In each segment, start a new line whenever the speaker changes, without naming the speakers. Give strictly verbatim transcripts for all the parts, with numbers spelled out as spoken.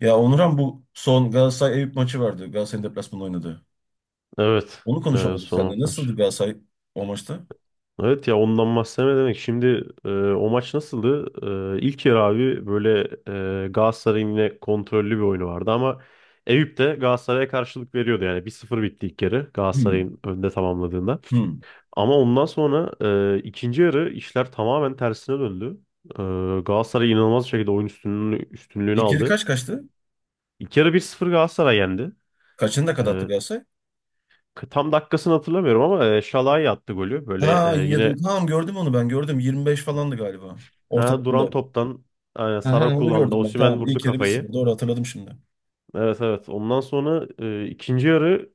Ya Onuran, bu son Galatasaray-Eyüp maçı vardı. Galatasaray'ın deplasmanda oynadı.
Evet.
Onu
Ee,
konuşamadık seninle.
son maç.
Nasıldı Galatasaray o maçta?
Evet ya ondan bahsetme demek. Şimdi e, o maç nasıldı? E, ilk yarı abi böyle e, Galatasaray'ın yine kontrollü bir oyunu vardı ama Eyüp de Galatasaray'a karşılık veriyordu. Yani bir sıfır bitti ilk yarı
Hmm.
Galatasaray'ın önde tamamladığında.
Hmm.
Ama ondan sonra e, ikinci yarı işler tamamen tersine döndü. E, Galatasaray inanılmaz bir şekilde oyun üstünlüğünü, üstünlüğünü
İkili
aldı.
kaç kaçtı?
İlk yarı bir sıfır Galatasaray yendi.
Kaçını da kadattı
E,
Galatasaray?
Tam dakikasını hatırlamıyorum ama e, Şalay attı golü. Böyle
Ha,
e, yine.
yedi. Tamam, gördüm onu, ben gördüm. yirmi beş falandı galiba.
Ha, duran
Ortalarında.
toptan aynen
Aha,
Sara
onu
kullandı.
gördüm ben.
Osimhen
Tamam.
vurdu
ilk yarı bir sıfır.
kafayı.
Doğru hatırladım şimdi.
Evet, evet. Ondan sonra e, ikinci yarı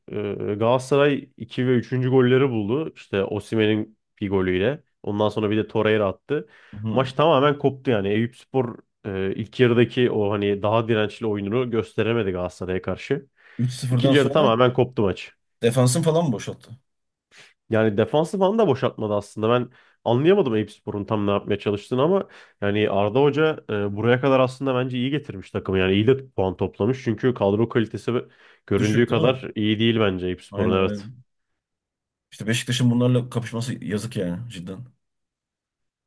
e, Galatasaray iki ve üçüncü golleri buldu. İşte Osimhen'in bir golüyle. Ondan sonra bir de Torreira attı.
Hı.
Maç tamamen koptu yani. Eyüpspor e, ilk yarıdaki o hani daha dirençli oyununu gösteremedi Galatasaray'a karşı.
üç sıfırdan
İkinci yarı
sonra
tamamen koptu maç.
defansın falan mı boşalttı?
Yani defansı falan da boşaltmadı aslında. Ben anlayamadım Eyüpspor'un tam ne yapmaya çalıştığını ama yani Arda Hoca e, buraya kadar aslında bence iyi getirmiş takımı. Yani iyi de puan toplamış. Çünkü kadro kalitesi göründüğü
Düşük değil mi?
kadar iyi değil bence
Aynen,
Eyüpspor'un, evet.
aynen. İşte Beşiktaş'ın bunlarla kapışması yazık yani cidden.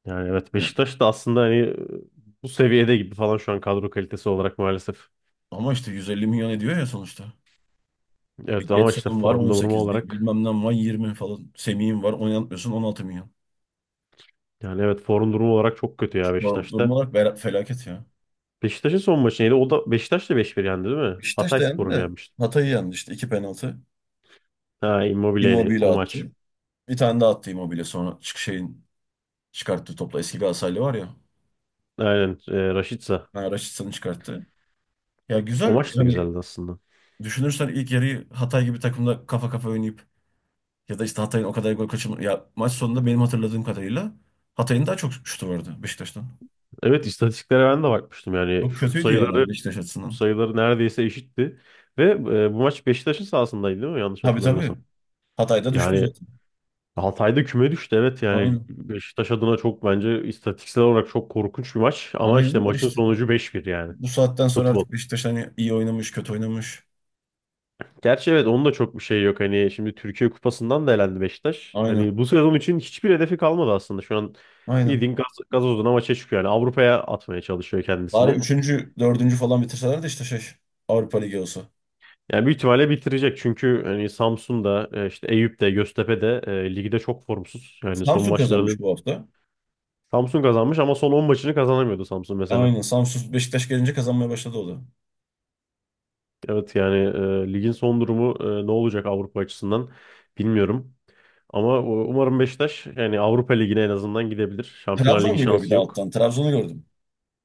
Yani evet,
Ne?
Beşiktaş da aslında hani e, bu seviyede gibi falan şu an, kadro kalitesi olarak maalesef.
Ama işte yüz elli milyon ediyor ya sonuçta. Bir
Evet ama işte
Getson'un var
form durumu
on sekiz, bir
olarak,
bilmem ne var yirmi falan. Semih'in var, oynatmıyorsun, on altı milyon.
yani evet form durumu olarak çok kötü ya
Şu form, durum
Beşiktaş'ta.
olarak bela- felaket ya.
Beşiktaş'ın son maçı neydi? O da Beşiktaş da beş bir yendi değil mi?
Beşiktaş da yendi
Hatayspor'u mu
de
yenmişti?
Hatay'ı yendi işte iki penaltı.
Ha, Immobile
Immobile
o maç.
attı. Bir tane daha attı Immobile, sonra çık şeyin çıkarttığı topla. Eski Galatasaraylı var ya.
Aynen. E, Rashica.
Yani Raşitsa'nı çıkarttı. Ya
O
güzel
maç da
yani,
güzeldi aslında.
düşünürsen ilk yarıyı Hatay gibi takımda kafa kafa oynayıp ya da işte Hatay'ın o kadar gol kaçırma. Ya maç sonunda benim hatırladığım kadarıyla Hatay'ın daha çok şutu vardı Beşiktaş'tan.
Evet, istatistiklere ben de bakmıştım. Yani
Çok
şut
kötüydü
sayıları
yani Beşiktaş açısından.
sayıları neredeyse eşitti. Ve e, bu maç Beşiktaş'ın sahasındaydı değil mi? Yanlış
Tabii, tabii.
hatırlamıyorsam.
Hatay'da düştü
Yani
zaten.
Altay'da küme düştü. Evet, yani
Aynen.
Beşiktaş adına çok bence istatistiksel olarak çok korkunç bir maç. Ama işte
Aynen de
maçın
işte.
sonucu beş bir yani.
Bu saatten sonra
Futbol.
artık Beşiktaş, hani iyi oynamış, kötü oynamış.
Gerçi evet, onun da çok bir şey yok. Hani şimdi Türkiye Kupası'ndan da elendi Beşiktaş.
Aynen.
Hani bu sezon için hiçbir hedefi kalmadı aslında. Şu an
Aynen.
bildiğin gaz, gazozuna maça çıkıyor. Yani Avrupa'ya atmaya çalışıyor
Bari
kendisini.
üçüncü, dördüncü falan bitirseler de işte şey Avrupa Ligi olsa.
Yani büyük ihtimalle bitirecek çünkü hani Samsun'da e, işte Eyüp'te, Göztepe'de e, ligde çok formsuz. Yani son
Samsun kazanmış
maçlarını
bu hafta.
Samsun kazanmış ama son on maçını kazanamıyordu Samsun mesela.
Aynen. Samsun, Beşiktaş gelince kazanmaya başladı o da.
Evet yani e, ligin son durumu e, ne olacak Avrupa açısından bilmiyorum. Ama u- umarım Beşiktaş yani Avrupa Ligi'ne en azından gidebilir. Şampiyonlar
Trabzon
Ligi
geliyor bir
şansı
de
yok.
alttan. Trabzon'u gördüm.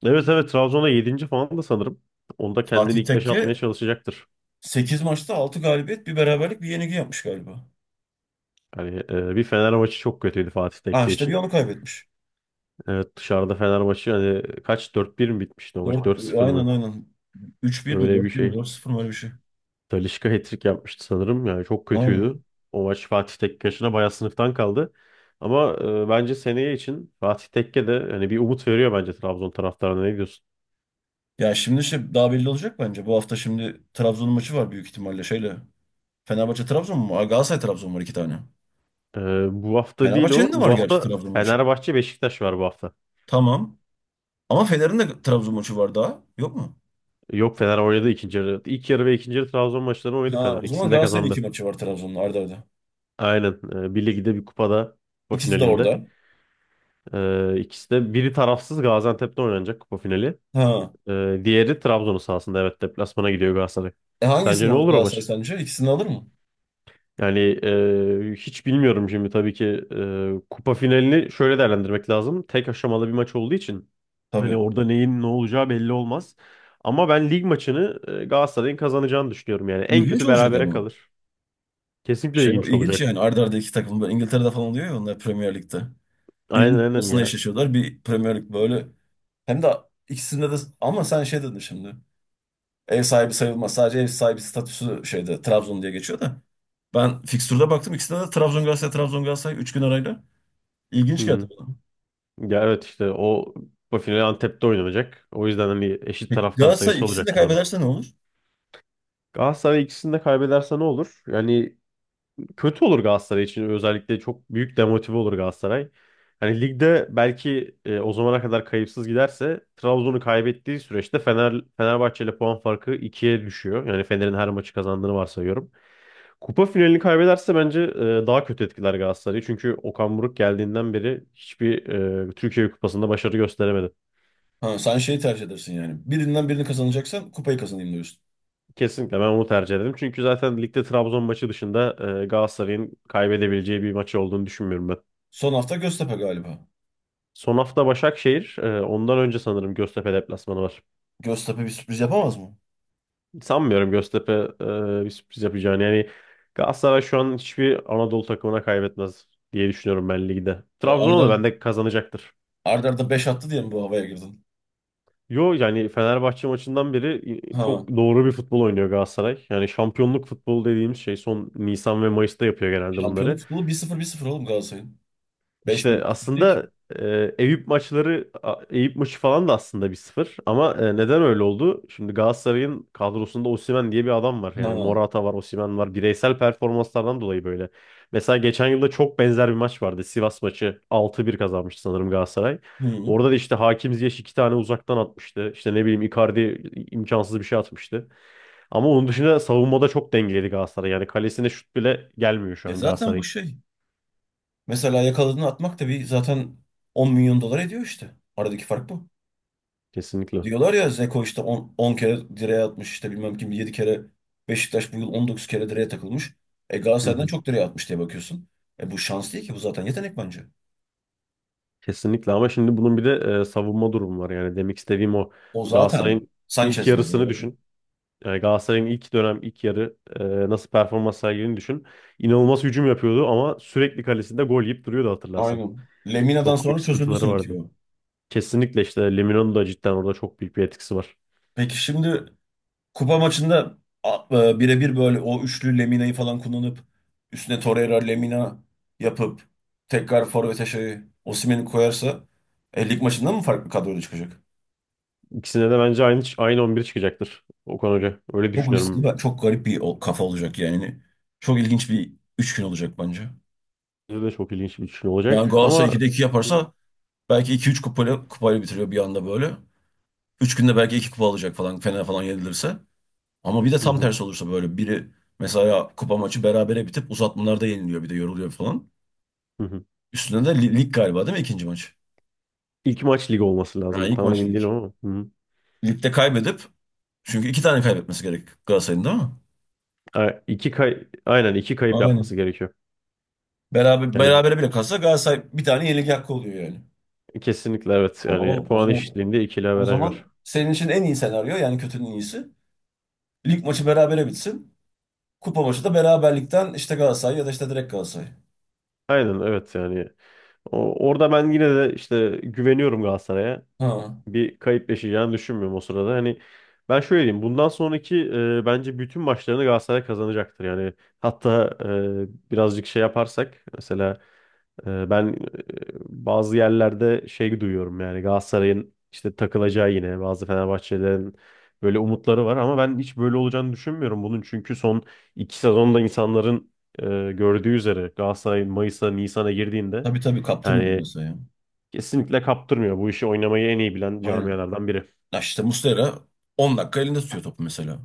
Evet, evet, Trabzon'a yedinci falan da sanırım. Onda kendini
Fatih
ilk beşe
Tekke
atmaya çalışacaktır.
sekiz maçta altı galibiyet, bir beraberlik, bir yenilgi yapmış galiba.
Yani e, bir Fener maçı çok kötüydü Fatih
Ha,
Tekke
işte bir
için.
onu kaybetmiş.
Evet, dışarıda Fenerbahçe hani kaç, dört bir mi bitmişti o maç,
Dört.
dört sıfır
Aynen,
mı?
aynen. Üç bir mi,
Böyle bir
dört bir mi,
şey.
dört sıfır mı, öyle bir şey.
Talisca hat-trick yapmıştı sanırım, yani çok
Aynen.
kötüydü. O maç Fatih Tekke'ye bayağı sınıftan kaldı. Ama e, bence seneye için Fatih Tekke de hani bir umut veriyor bence Trabzon taraftarına, ne diyorsun?
Ya şimdi şey daha belli olacak bence. Bu hafta şimdi Trabzon maçı var büyük ihtimalle şeyle. Fenerbahçe Trabzon mu, var? Galatasaray Trabzon var, iki tane.
E, Bu hafta değil o.
Fenerbahçe'nin de var
Bu
gerçi
hafta
Trabzon maçı.
Fenerbahçe Beşiktaş var bu hafta.
Tamam. Ama Fener'in de Trabzon maçı var daha. Yok mu?
Yok, Fener oynadı ikinci yarı. İlk yarı ve ikinci yarı Trabzon maçlarını oynadı
Ha,
Fener.
o zaman
İkisini de
Galatasaray'ın iki
kazandı.
maçı var Trabzon'la arda arda.
Aynen. E, bir ligde, bir kupada, kupa
İkisi de
finalinde.
orada.
Ee, ikisi de, biri tarafsız Gaziantep'te oynanacak kupa finali.
Ha.
Ee, diğeri Trabzon'un sahasında, evet, deplasmana gidiyor Galatasaray.
E,
Sence
hangisini
ne
alır
olur o
Galatasaray
maç?
sence? İkisini alır mı?
Yani e, hiç bilmiyorum şimdi, tabii ki e, kupa finalini şöyle değerlendirmek lazım. Tek aşamalı bir maç olduğu için
Tabii.
hani orada neyin ne olacağı belli olmaz. Ama ben lig maçını e, Galatasaray'ın kazanacağını düşünüyorum yani. En
İlginç
kötü
olacak
berabere
ama.
kalır. Kesinlikle
Şey,
ilginç
ilginç
olacak.
yani arda arda iki takım. Böyle İngiltere'de falan oluyor ya, onlar Premier Lig'de, birlik
Aynen,
lig
aynen
kupasında
ya.
eşleşiyorlar. Bir Premier Lig böyle. Hem de ikisinde de, ama sen şey dedin şimdi. Ev sahibi sayılmaz. Sadece ev sahibi statüsü şeyde Trabzon diye geçiyor da. Ben fikstürde baktım. İkisinde de Trabzon Galatasaray Trabzon Galatasaray üç gün arayla.
Hı
İlginç geldi
hı.
bana.
Ya evet, işte o bu final Antep'te oynanacak. O yüzden hani eşit
Peki
taraftar
Galatasaray
sayısı
ikisini
olacak
de
burada.
kaybederse ne olur?
Galatasaray ikisini de kaybederse ne olur? Yani kötü olur Galatasaray için. Özellikle çok büyük demotive olur Galatasaray. Hani ligde belki e, o zamana kadar kayıpsız giderse, Trabzon'u kaybettiği süreçte Fener Fenerbahçe ile puan farkı ikiye düşüyor. Yani Fener'in her maçı kazandığını varsayıyorum. Kupa finalini kaybederse bence e, daha kötü etkiler Galatasaray'ı. Çünkü Okan Buruk geldiğinden beri hiçbir e, Türkiye Kupası'nda başarı gösteremedi.
Ha, sen şeyi tercih edersin yani. Birinden birini kazanacaksan kupayı kazanayım diyorsun.
Kesinlikle ben onu tercih ederim. Çünkü zaten ligde Trabzon maçı dışında e, Galatasaray'ın kaybedebileceği bir maçı olduğunu düşünmüyorum ben.
Son hafta Göztepe galiba.
Son hafta Başakşehir. e, Ondan önce sanırım Göztepe deplasmanı var.
Göztepe bir sürpriz yapamaz mı?
Sanmıyorum Göztepe e, bir sürpriz yapacağını. Yani Galatasaray şu an hiçbir Anadolu takımına kaybetmez diye düşünüyorum ben ligde.
O
Trabzon'a
Arda
da bende kazanacaktır.
Arda beş attı diye mi bu havaya girdin?
Yo, yani Fenerbahçe maçından beri
Ha,
çok doğru bir futbol oynuyor Galatasaray. Yani şampiyonluk futbolu dediğimiz şey son, Nisan ve Mayıs'ta yapıyor genelde
şampiyonluk
bunları.
futbolu bir sıfır, bir sıfır oğlum Galatasaray'ın. Beş bir
İşte
buçuk değil ki.
aslında e, Eyüp maçları a- Eyüp maçı falan da aslında bir sıfır ama e, neden öyle oldu? Şimdi Galatasaray'ın kadrosunda Osimhen diye bir adam var. Yani
Ha.
Morata var, Osimhen var. Bireysel performanslardan dolayı böyle. Mesela geçen yılda çok benzer bir maç vardı. Sivas maçı altı bir kazanmıştı sanırım Galatasaray.
Hı.
Orada da işte Hakim Ziyech iki tane uzaktan atmıştı. İşte ne bileyim, Icardi imkansız bir şey atmıştı. Ama onun dışında savunmada çok dengeliydi Galatasaray. Yani kalesine şut bile gelmiyor şu
E,
an
zaten bu
Galatasaray'ın.
şey. Mesela yakaladığını atmak da bir zaten, on milyon dolar ediyor işte. Aradaki fark bu.
Kesinlikle.
Diyorlar ya, Zeko işte on on kere direğe atmış, işte bilmem kim yedi kere, Beşiktaş bu yıl on dokuz kere direğe takılmış. E,
Hı
Galatasaray'dan
hı.
çok direğe atmış diye bakıyorsun. E, bu şans değil ki, bu zaten yetenek bence.
Kesinlikle ama şimdi bunun bir de e, savunma durumu var. Yani demek istediğim, o
O zaten
Galatasaray'ın ilk
Sanchez var.
yarısını
Doğru.
düşün. Yani Galatasaray'ın ilk dönem ilk yarı e, nasıl performans sergilediğini düşün. İnanılmaz hücum yapıyordu ama sürekli kalesinde gol yiyip duruyordu, hatırlarsan.
Aynen. Lemina'dan
Çok büyük
sonra çözüldü
sıkıntıları
sanki
vardı.
o.
Kesinlikle işte Lemino'nun da cidden orada çok büyük bir etkisi var.
Peki şimdi kupa maçında a- e, birebir böyle o üçlü Lemina'yı falan kullanıp üstüne Torreira Lemina yapıp tekrar forvete şey Osimhen'i koyarsa e, lig maçında mı farklı kadroyla çıkacak?
İkisine de bence aynı aynı on bir çıkacaktır Okan Hoca. Öyle
Çok riskli
düşünüyorum.
ve çok garip bir o- kafa olacak yani. Çok ilginç bir üç gün olacak bence.
Bence de çok ilginç bir düşünce
Yani
olacak
Galatasaray
ama
ikide iki
hı
yaparsa belki iki üç kupayla, kupayla bitiriyor bir anda böyle. Üç günde belki iki kupa alacak falan, Fener falan yenilirse. Ama bir de tam
hı,
tersi olursa böyle biri mesela, kupa maçı berabere bitip uzatmalarda yeniliyor, bir de yoruluyor falan.
hı hı.
Üstüne de li- lig galiba, değil mi, ikinci maç?
İlk maç lig olması
Ha,
lazım.
ilk
Tam
maç
emin
lig.
değilim ama. Hı hı.
Ligde kaybedip, çünkü iki tane kaybetmesi gerek Galatasaray'ın, değil mi?
A- İki kay Aynen, iki kayıp yapması
Aynen.
gerekiyor.
Beraber,
Yani
berabere bile kalsa Galatasaray bir tane yenilik hakkı oluyor yani.
kesinlikle evet. Yani
Oho, o
puan
zaman
eşitliğinde ikili
o
averaj
zaman
var.
senin için en iyi senaryo yani, kötünün iyisi. Lig maçı berabere bitsin. Kupa maçı da beraberlikten işte Galatasaray ya da işte direkt Galatasaray.
Aynen, evet yani. O- orada ben yine de işte güveniyorum Galatasaray'a.
Ha.
Bir kayıp yaşayacağını düşünmüyorum o sırada. Hani ben şöyle diyeyim: bundan sonraki e, bence bütün maçlarını Galatasaray kazanacaktır. Yani hatta e, birazcık şey yaparsak, mesela e, ben e, bazı yerlerde şey duyuyorum, yani Galatasaray'ın işte takılacağı yine, bazı Fenerbahçelerin böyle umutları var ama ben hiç böyle olacağını düşünmüyorum bunun. Çünkü son iki sezonda insanların e, gördüğü üzere Galatasaray Mayıs'a, Nisan'a girdiğinde,
Tabii, tabii kaptırmıyor
yani
Galatasaray'a.
kesinlikle kaptırmıyor. Bu işi oynamayı en iyi bilen
Aynen.
camialardan biri.
Ya işte Muslera on dakika elinde tutuyor topu mesela.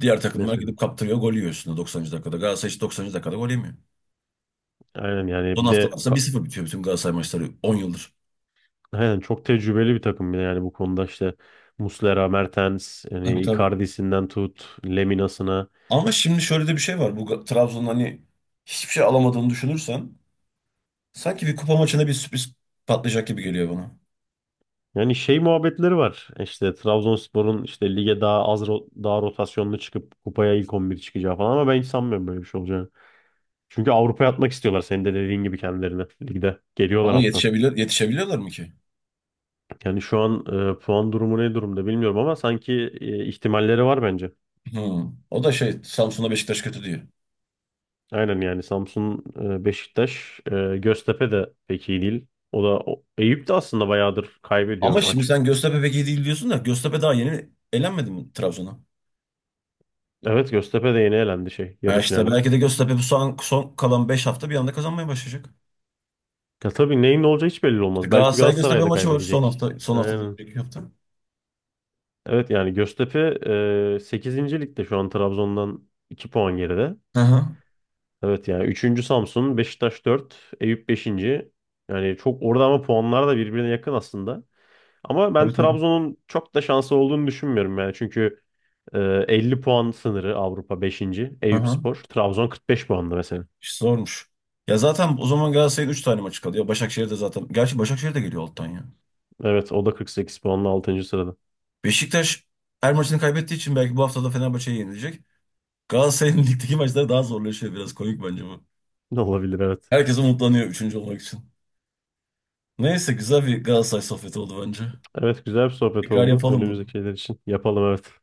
Diğer takımlar
Mesela.
gidip kaptırıyor, gol yiyor üstüne doksanıncı dakikada. Galatasaray hiç doksanıncı dakikada gol yemiyor.
Aynen yani,
Son
bir de
haftalar aslında
ka-
bir sıfır bitiyor bütün Galatasaray maçları, on yıldır.
aynen, çok tecrübeli bir takım, bir de yani bu konuda işte Muslera, Mertens,
Tabii,
yani
tabii.
Icardi'sinden tut, Lemina'sına.
Ama şimdi şöyle de bir şey var. Bu Ga- Trabzon'un hani hiçbir şey alamadığını düşünürsen sanki bir kupa maçına bir sürpriz patlayacak gibi geliyor bana.
Yani şey muhabbetleri var. İşte Trabzonspor'un işte lige daha az ro- daha rotasyonlu çıkıp kupaya ilk on bir çıkacağı falan ama ben hiç sanmıyorum böyle bir şey olacağını. Çünkü Avrupa'ya atmak istiyorlar, senin de dediğin gibi kendilerine ligde. Geliyorlar
Ama
alttan.
yetişebilir, yetişebiliyorlar mı ki?
Yani şu an e, puan durumu ne durumda bilmiyorum ama sanki e, ihtimalleri var bence.
Hı. O da şey, Samsun'a Beşiktaş kötü diyor.
Aynen yani Samsun, e, Beşiktaş, e, Göztepe de pek iyi değil. O da o- Eyüp de aslında bayağıdır
Ama
kaybediyor
şimdi
maç.
sen Göztepe pek iyi değil diyorsun da, Göztepe daha yeni elenmedi mi Trabzon'a?
Evet, Göztepe de yeni elendi şey,
Ha
yarı
işte,
finalde.
belki de Göztepe bu son, son kalan beş hafta bir anda kazanmaya başlayacak.
Ya tabii, neyin ne olacağı hiç belli
İşte
olmaz. Belki
Galatasaray Göztepe
Galatasaray da
maçı var son
kaybedecek.
hafta, son hafta,
Aynen.
önceki hafta.
Evet, yani Göztepe e, sekizinci ligde şu an Trabzon'dan iki puan geride.
Hı hı.
Evet yani üçüncü Samsun, Beşiktaş dört, Eyüp beşinci. Yani çok orada ama puanlar da birbirine yakın aslında. Ama ben
Tabii, tabii.
Trabzon'un çok da şansı olduğunu düşünmüyorum yani. Çünkü Ee, elli puan sınırı Avrupa beşinci.
Hı hı.
Eyüpspor. Trabzon kırk beş puanlı mesela.
İşte zormuş. Ya zaten o zaman Galatasaray'ın üç tane maçı kalıyor. Başakşehir de zaten. Gerçi Başakşehir de geliyor alttan ya.
Evet o da kırk sekiz puanla altıncı sırada.
Beşiktaş her maçını kaybettiği için belki bu hafta da Fenerbahçe'ye yenilecek. Galatasaray'ın ligdeki maçları daha zorlaşıyor. Biraz komik bence bu.
Ne olabilir, evet.
Herkes umutlanıyor üçüncü olmak için. Neyse, güzel bir Galatasaray sohbeti oldu bence.
Evet, güzel bir sohbet
Tekrar
oldu
yapalım bunu.
önümüzdeki şeyler için. Yapalım, evet.